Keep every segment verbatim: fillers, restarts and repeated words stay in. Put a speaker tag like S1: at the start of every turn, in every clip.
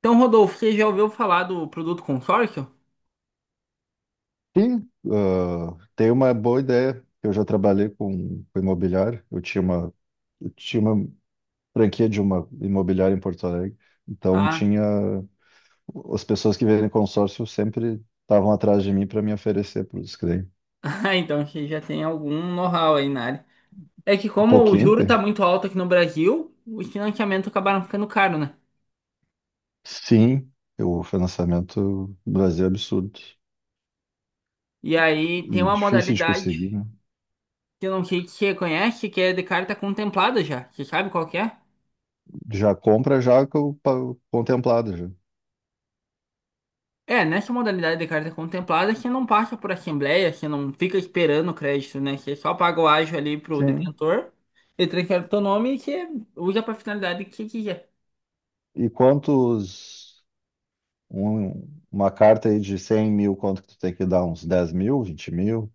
S1: Então, Rodolfo, você já ouviu falar do produto consórcio?
S2: Sim, ah, tem uma boa ideia. Eu já trabalhei com, com imobiliário. Eu tinha uma, eu tinha uma franquia de uma imobiliária em Porto Alegre. Então
S1: Ah,
S2: tinha as pessoas que vêm em consórcio sempre estavam atrás de mim para me oferecer para os clientes.
S1: ah, então você já tem algum know-how aí na área. É que
S2: Um
S1: como o
S2: pouquinho,
S1: juro tá
S2: tem.
S1: muito alto aqui no Brasil, os financiamentos acabaram ficando caros, né?
S2: Sim, o financiamento no Brasil é absurdo
S1: E aí tem
S2: e
S1: uma
S2: difícil de
S1: modalidade
S2: conseguir, né?
S1: que eu não sei se você conhece, que é de carta contemplada já. Você sabe qual que é?
S2: Já compra já co- pa- contemplada já.
S1: É, nessa modalidade de carta contemplada, você não passa por assembleia, você não fica esperando o crédito, né? Você só paga o ágio ali pro
S2: Sim.
S1: detentor, ele transfere o teu nome e você usa pra finalidade que você quiser.
S2: E quantos? Um- uma carta aí de cem mil, quanto que tu tem que dar? Uns dez mil, vinte mil,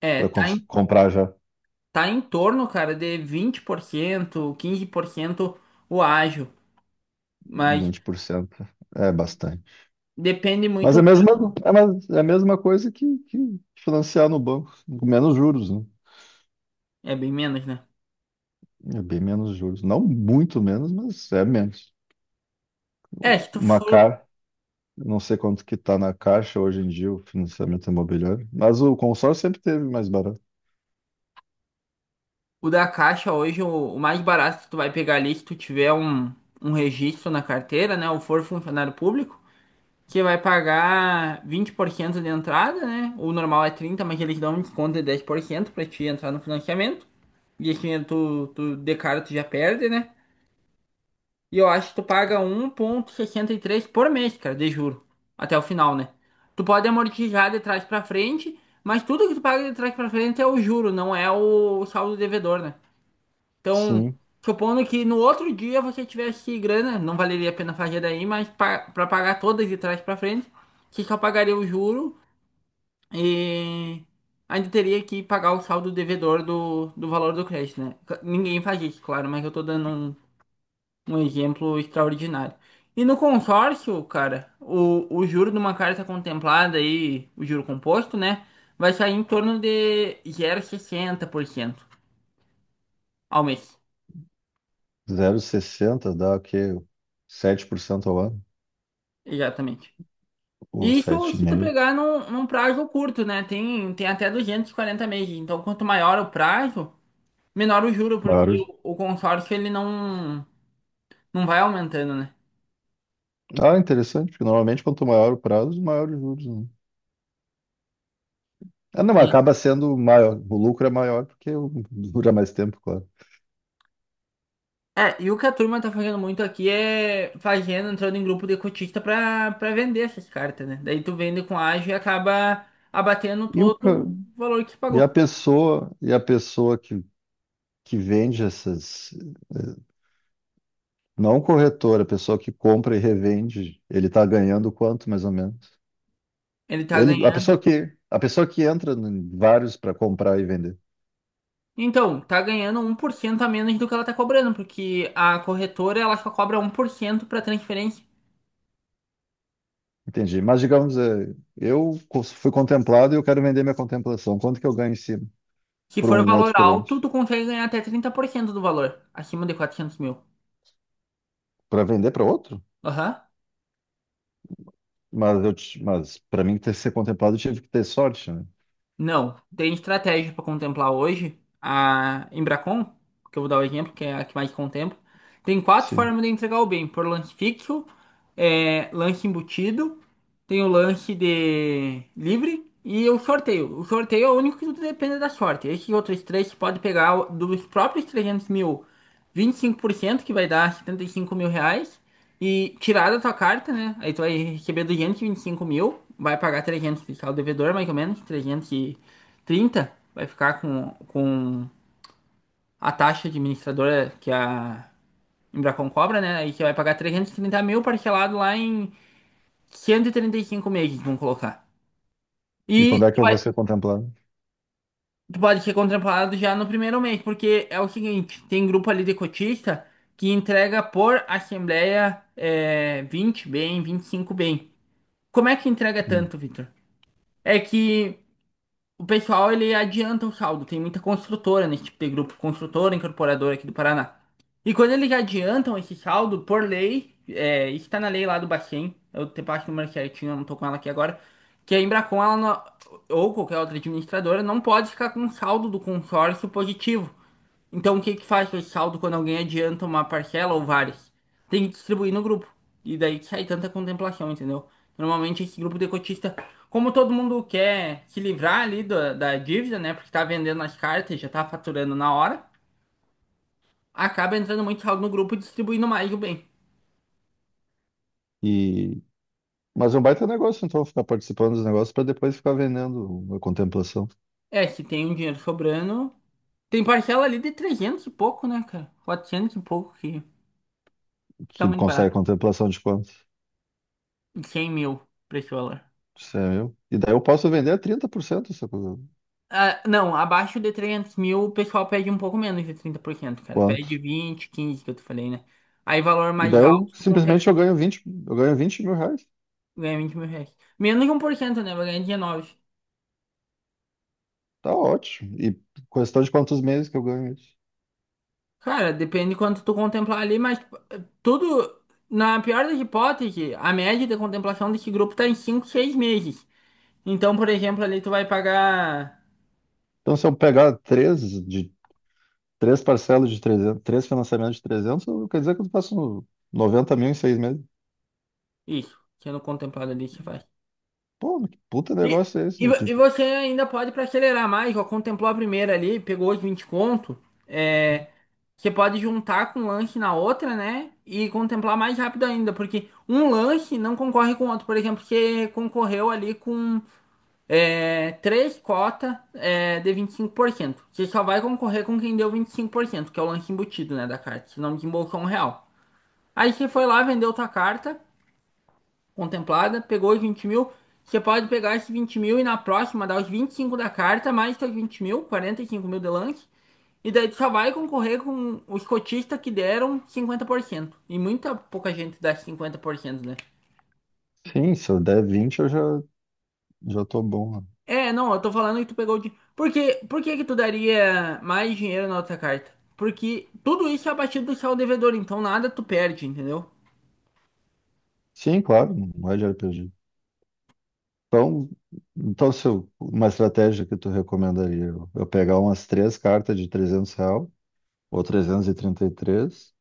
S1: É,
S2: para
S1: tá
S2: comprar já.
S1: tá em torno, cara, de vinte por cento, quinze por cento o ágil, mas
S2: Vinte por cento? É bastante.
S1: depende
S2: Mas é a
S1: muito,
S2: mesma, é uma- é a mesma coisa que, que financiar no banco, com menos juros, né?
S1: é bem menos, né?
S2: É bem menos juros. Não muito menos, mas é menos.
S1: É, se tu
S2: Uma
S1: for
S2: car, eu não sei quanto que tá na caixa hoje em dia o financiamento imobiliário, mas o consórcio sempre teve mais barato.
S1: o da caixa hoje, o, o mais barato que tu vai pegar ali, se tu tiver um, um registro na carteira, né, ou for funcionário público, que vai pagar vinte por cento de entrada, né? O normal é trinta por cento, mas eles dão um desconto de dez por cento pra te entrar no financiamento. E assim, tu, tu de cara tu já perde, né? E eu acho que tu paga um vírgula sessenta e três por mês, cara, de juro. Até o final, né? Tu pode amortizar de trás pra frente, mas tudo que tu paga de trás pra frente é o juro, não é o saldo devedor, né? Então,
S2: Sim,
S1: supondo que no outro dia você tivesse grana, não valeria a pena fazer daí, mas pa- pra pagar todas de trás pra frente, você só pagaria o juro e ainda teria que pagar o saldo devedor do, do valor do crédito, né? Ninguém faz isso, claro, mas eu tô dando um um exemplo extraordinário. E no consórcio, cara, o, o juro de uma carta contemplada aí, o juro composto, né? Vai sair em torno de zero vírgula sessenta por cento ao mês.
S2: zero vírgula sessenta dá o quê? Sete por cento ao ano,
S1: Exatamente.
S2: ou
S1: E isso se tu
S2: sete vírgula cinco por cento.
S1: pegar num, num prazo curto, né? Tem, tem até duzentos e quarenta meses. Então, quanto maior o prazo, menor o juro,
S2: Claro.
S1: porque o, o consórcio ele não, não vai aumentando, né?
S2: Ah, interessante, porque normalmente quanto maior o prazo, maior os juros, né? Ah, não, acaba sendo maior, o lucro é maior porque o- dura mais tempo, claro.
S1: É, e o que a turma tá fazendo muito aqui é fazendo, entrando em grupo de cotista pra, pra vender essas cartas, né? Daí tu vende com ágio e acaba abatendo
S2: E, o,
S1: todo
S2: ca-
S1: o valor que tu
S2: e a
S1: pagou.
S2: pessoa, e a pessoa que, que vende essas, não o corretor, a pessoa que compra e revende, ele está ganhando quanto, mais ou menos?
S1: Ele tá
S2: Ele, a pessoa
S1: ganhando.
S2: que, a pessoa que entra em vários para comprar e vender.
S1: Então, tá ganhando um por cento a menos do que ela tá cobrando, porque a corretora ela só cobra um por cento pra transferência.
S2: Entendi. Mas digamos, é, eu co- fui contemplado e eu quero vender minha contemplação. Quanto que eu ganho em cima
S1: Se
S2: para
S1: for
S2: um
S1: valor
S2: outro
S1: alto,
S2: cliente?
S1: tu consegue ganhar até trinta por cento do valor, acima de quatrocentos mil.
S2: Para vender para outro?
S1: Aham.
S2: Mas eu, ti- mas para mim ter ser contemplado, eu tive que ter sorte, né?
S1: Não, tem estratégia para contemplar hoje. A Embracon, que eu vou dar o exemplo, que é a que mais contempla, tem quatro
S2: Sim.
S1: formas de entregar o bem: por lance fixo, é, lance embutido. Tem o lanche de livre e o sorteio. O sorteio é o único que tudo depende da sorte. Esses outros três você pode pegar o- dos próprios trezentos mil, vinte e cinco por cento, que vai dar setenta e cinco mil reais, e tirar da tua carta, né? Aí tu vai receber duzentos e vinte e cinco mil, vai pagar trezentos de saldo devedor, mais ou menos, trezentos e trinta, vai ficar com, com a taxa administradora que a Embracon cobra, né? Aí você vai pagar trezentos e trinta mil parcelado lá em cento e trinta e cinco meses, vamos colocar. E
S2: E quando é
S1: tu
S2: que eu vou
S1: vai-
S2: ser contemplado?
S1: tu pode ser contemplado já no primeiro mês, porque é o seguinte, tem grupo ali de cotista que entrega por assembleia é, vinte bem, vinte e cinco bem. Como é que entrega
S2: Hum.
S1: tanto, Vitor? É que o pessoal, ele adianta o saldo. Tem muita construtora nesse tipo de grupo, construtora, incorporadora aqui do Paraná. E quando eles adiantam esse saldo, por lei, é, isso tá na lei lá do Bacen, eu te passo o número certinho, eu não tô com ela aqui agora, que a Embracon, ela não- ou qualquer outra administradora, não pode ficar com um saldo do consórcio positivo. Então, o que que faz com esse saldo quando alguém adianta uma parcela ou várias? Tem que distribuir no grupo. E daí que sai tanta contemplação, entendeu? Normalmente, esse grupo de cotista, como todo mundo quer se livrar ali da, da dívida, né? Porque tá vendendo as cartas, já tá faturando na hora, acaba entrando muito saldo no grupo e distribuindo mais o bem.
S2: E mas é um baita negócio, então ficar participando dos negócios para depois ficar vendendo a contemplação,
S1: É, se tem um dinheiro sobrando. Tem parcela ali de trezentos e pouco, né, cara? Quatrocentos e pouco, que tá
S2: que
S1: muito
S2: consegue
S1: barato.
S2: contemplação de quanto?
S1: Cem mil pra esse valor.
S2: Isso é meu. E daí eu posso vender a trinta por cento essa coisa.
S1: Ah, não, abaixo de trezentos mil o pessoal pede um pouco menos de trinta por cento, cara.
S2: Quanto?
S1: Pede vinte, quinze que eu te falei, né? Aí valor
S2: E
S1: mais
S2: daí eu
S1: alto, tu
S2: simplesmente
S1: consegue
S2: eu ganho vinte eu ganho vinte mil reais.
S1: ganhar vinte mil reais. Menos de um por cento, né? Vai ganhar dezenove.
S2: Tá ótimo. E questão de quantos meses que eu ganho isso.
S1: Cara, depende de quanto tu contemplar ali, mas eh, tudo, na pior das hipóteses, a média de contemplação desse grupo tá em cinco, seis meses. Então, por exemplo, ali tu vai pagar
S2: Então, se eu pegar três de três parcelas de trezentos, três financiamentos de trezentos, quer dizer que eu faço noventa mil em seis meses.
S1: isso, sendo contemplado ali, você faz.
S2: Pô, que puta
S1: E,
S2: negócio é esse?
S1: e,
S2: Eu
S1: vo-
S2: te-
S1: e você ainda pode para acelerar mais, ó, contemplou a primeira ali, pegou os vinte conto, é, você pode juntar com um lanche na outra, né? E contemplar mais rápido ainda, porque um lanche não concorre com o outro. Por exemplo, você concorreu ali com é, três cotas é, de vinte e cinco por cento, você só vai concorrer com quem deu vinte e cinco por cento, que é o lanche embutido, né, da carta, senão desembolsou um real. Aí você foi lá, vendeu tua carta, contemplada, pegou os vinte mil. Você pode pegar esses vinte mil e na próxima dar os vinte e cinco da carta, mais seus vinte mil, quarenta e cinco mil de lance. E daí tu só vai concorrer com os cotistas que deram cinquenta por cento. E muita pouca gente dá cinquenta por cento, né?
S2: Sim, se eu der vinte, eu já, já tô bom, né?
S1: É, não, eu tô falando que tu pegou de. Por que, por que que tu daria mais dinheiro na outra carta? Porque tudo isso é abatido do saldo devedor, então nada tu perde, entendeu?
S2: Sim, claro, não é de R P G. Então, então se eu- uma estratégia que tu recomendaria, eu, eu pegar umas três cartas de trezentos real, ou trezentos e trinta e três, e trinta e três,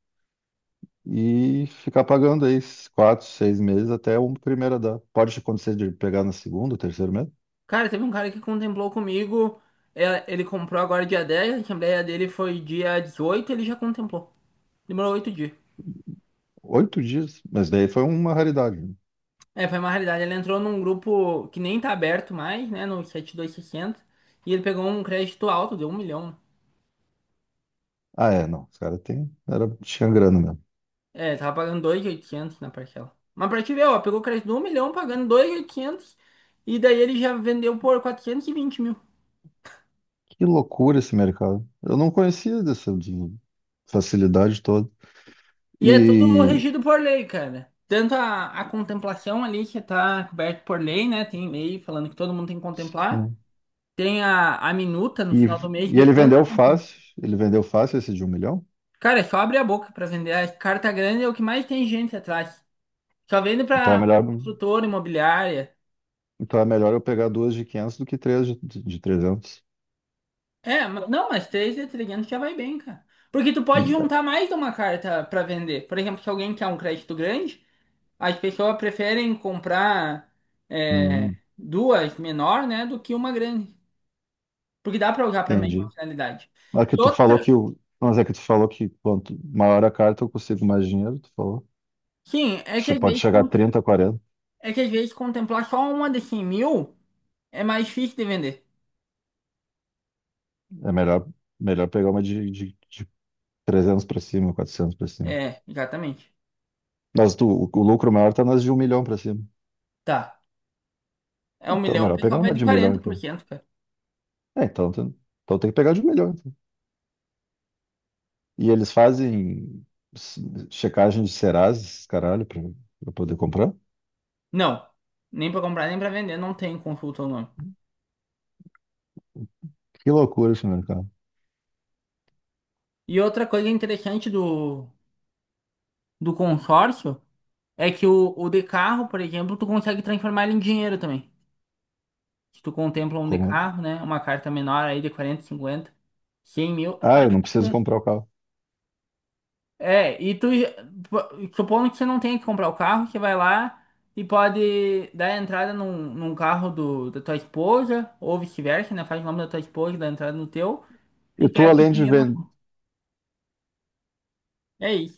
S2: e ficar pagando aí esses quatro, seis meses até a primeira dar. Pode acontecer de pegar na segunda, terceiro mês?
S1: Cara, teve um cara que contemplou comigo. É, ele comprou agora dia dez. A assembleia dele foi dia dezoito. Ele já contemplou. Demorou oito dias.
S2: Oito dias, mas daí foi uma raridade, né?
S1: É, foi uma realidade. Ele entrou num grupo que nem tá aberto mais, né? No setenta e dois sessenta. E sessenta. E ele pegou um crédito alto, deu um milhão.
S2: Ah, é, não. Os caras tem. Era. Tinha grana mesmo.
S1: É, ele tava pagando dois mil e oitocentos na parcela. Mas pra te ver, ó, pegou crédito de um milhão, pagando dois mil e oitocentos. E oitocentos. E daí ele já vendeu por quatrocentos e vinte mil.
S2: Que loucura esse mercado. Eu não conhecia dessa de- facilidade toda.
S1: E é tudo
S2: E,
S1: regido por lei, cara. Tanto a, a contemplação ali, que tá coberto por lei, né? Tem lei falando que todo mundo tem que contemplar.
S2: sim.
S1: Tem a, a minuta no
S2: E...
S1: final do mês
S2: e
S1: de
S2: ele
S1: quanto.
S2: vendeu fácil. Ele vendeu fácil esse de um milhão.
S1: Cara, é só abre a boca pra vender. A carta grande é o que mais tem gente atrás. Só vende
S2: Então é
S1: pra, pra
S2: melhor,
S1: construtora imobiliária.
S2: então é melhor eu pegar duas de quinhentos do que três de, de de trezentos.
S1: É, ma- não, mas três de trezentos já vai bem, cara. Porque tu pode juntar mais de uma carta pra vender. Por exemplo, se alguém quer um crédito grande. As pessoas preferem comprar é,
S2: Hum,
S1: duas menor, né, do que uma grande, porque dá para usar para a mesma
S2: entendi.
S1: finalidade.
S2: Mas que
S1: E
S2: tu falou
S1: outra,
S2: que o... Mas é que tu falou que quanto maior a carta eu consigo mais dinheiro, tu falou.
S1: sim, é que
S2: Acho
S1: às
S2: que pode
S1: vezes
S2: chegar a
S1: con-
S2: trinta, quarenta.
S1: é que às vezes contemplar só uma de cem mil é mais difícil de vender.
S2: É melhor, melhor pegar uma de, de, trezentos para cima, quatrocentos para cima.
S1: É, exatamente.
S2: Mas tu, o, o lucro maior tá nas de um milhão para cima.
S1: Tá. É
S2: É,
S1: um
S2: então,
S1: milhão, o
S2: melhor
S1: pessoal
S2: pegar
S1: vai
S2: uma
S1: de
S2: de um milhão,
S1: quarenta por
S2: então.
S1: cento cara.
S2: É, então, tu- então tem que pegar de um milhão, então. E eles fazem s- checagem de Serasa, caralho, pra, pra poder comprar?
S1: Não, nem para comprar nem para vender, não tem consulta ou não.
S2: Que loucura esse mercado.
S1: E outra coisa interessante do, do consórcio é que o, o de carro, por exemplo, tu consegue transformar ele em dinheiro também. Se tu contempla um de
S2: Como...
S1: carro, né? Uma carta menor aí de quarenta, cinquenta, cem mil.
S2: Ah, eu não preciso comprar o carro.
S1: É, e tu, já- supondo que você não tem que comprar o carro, você vai lá e pode dar entrada num, num carro do, da tua esposa, ou vice-versa, né? Faz o nome da tua esposa, dá entrada no teu, e
S2: E tu,
S1: pega o
S2: além de
S1: dinheiro na
S2: vender.
S1: conta. É isso.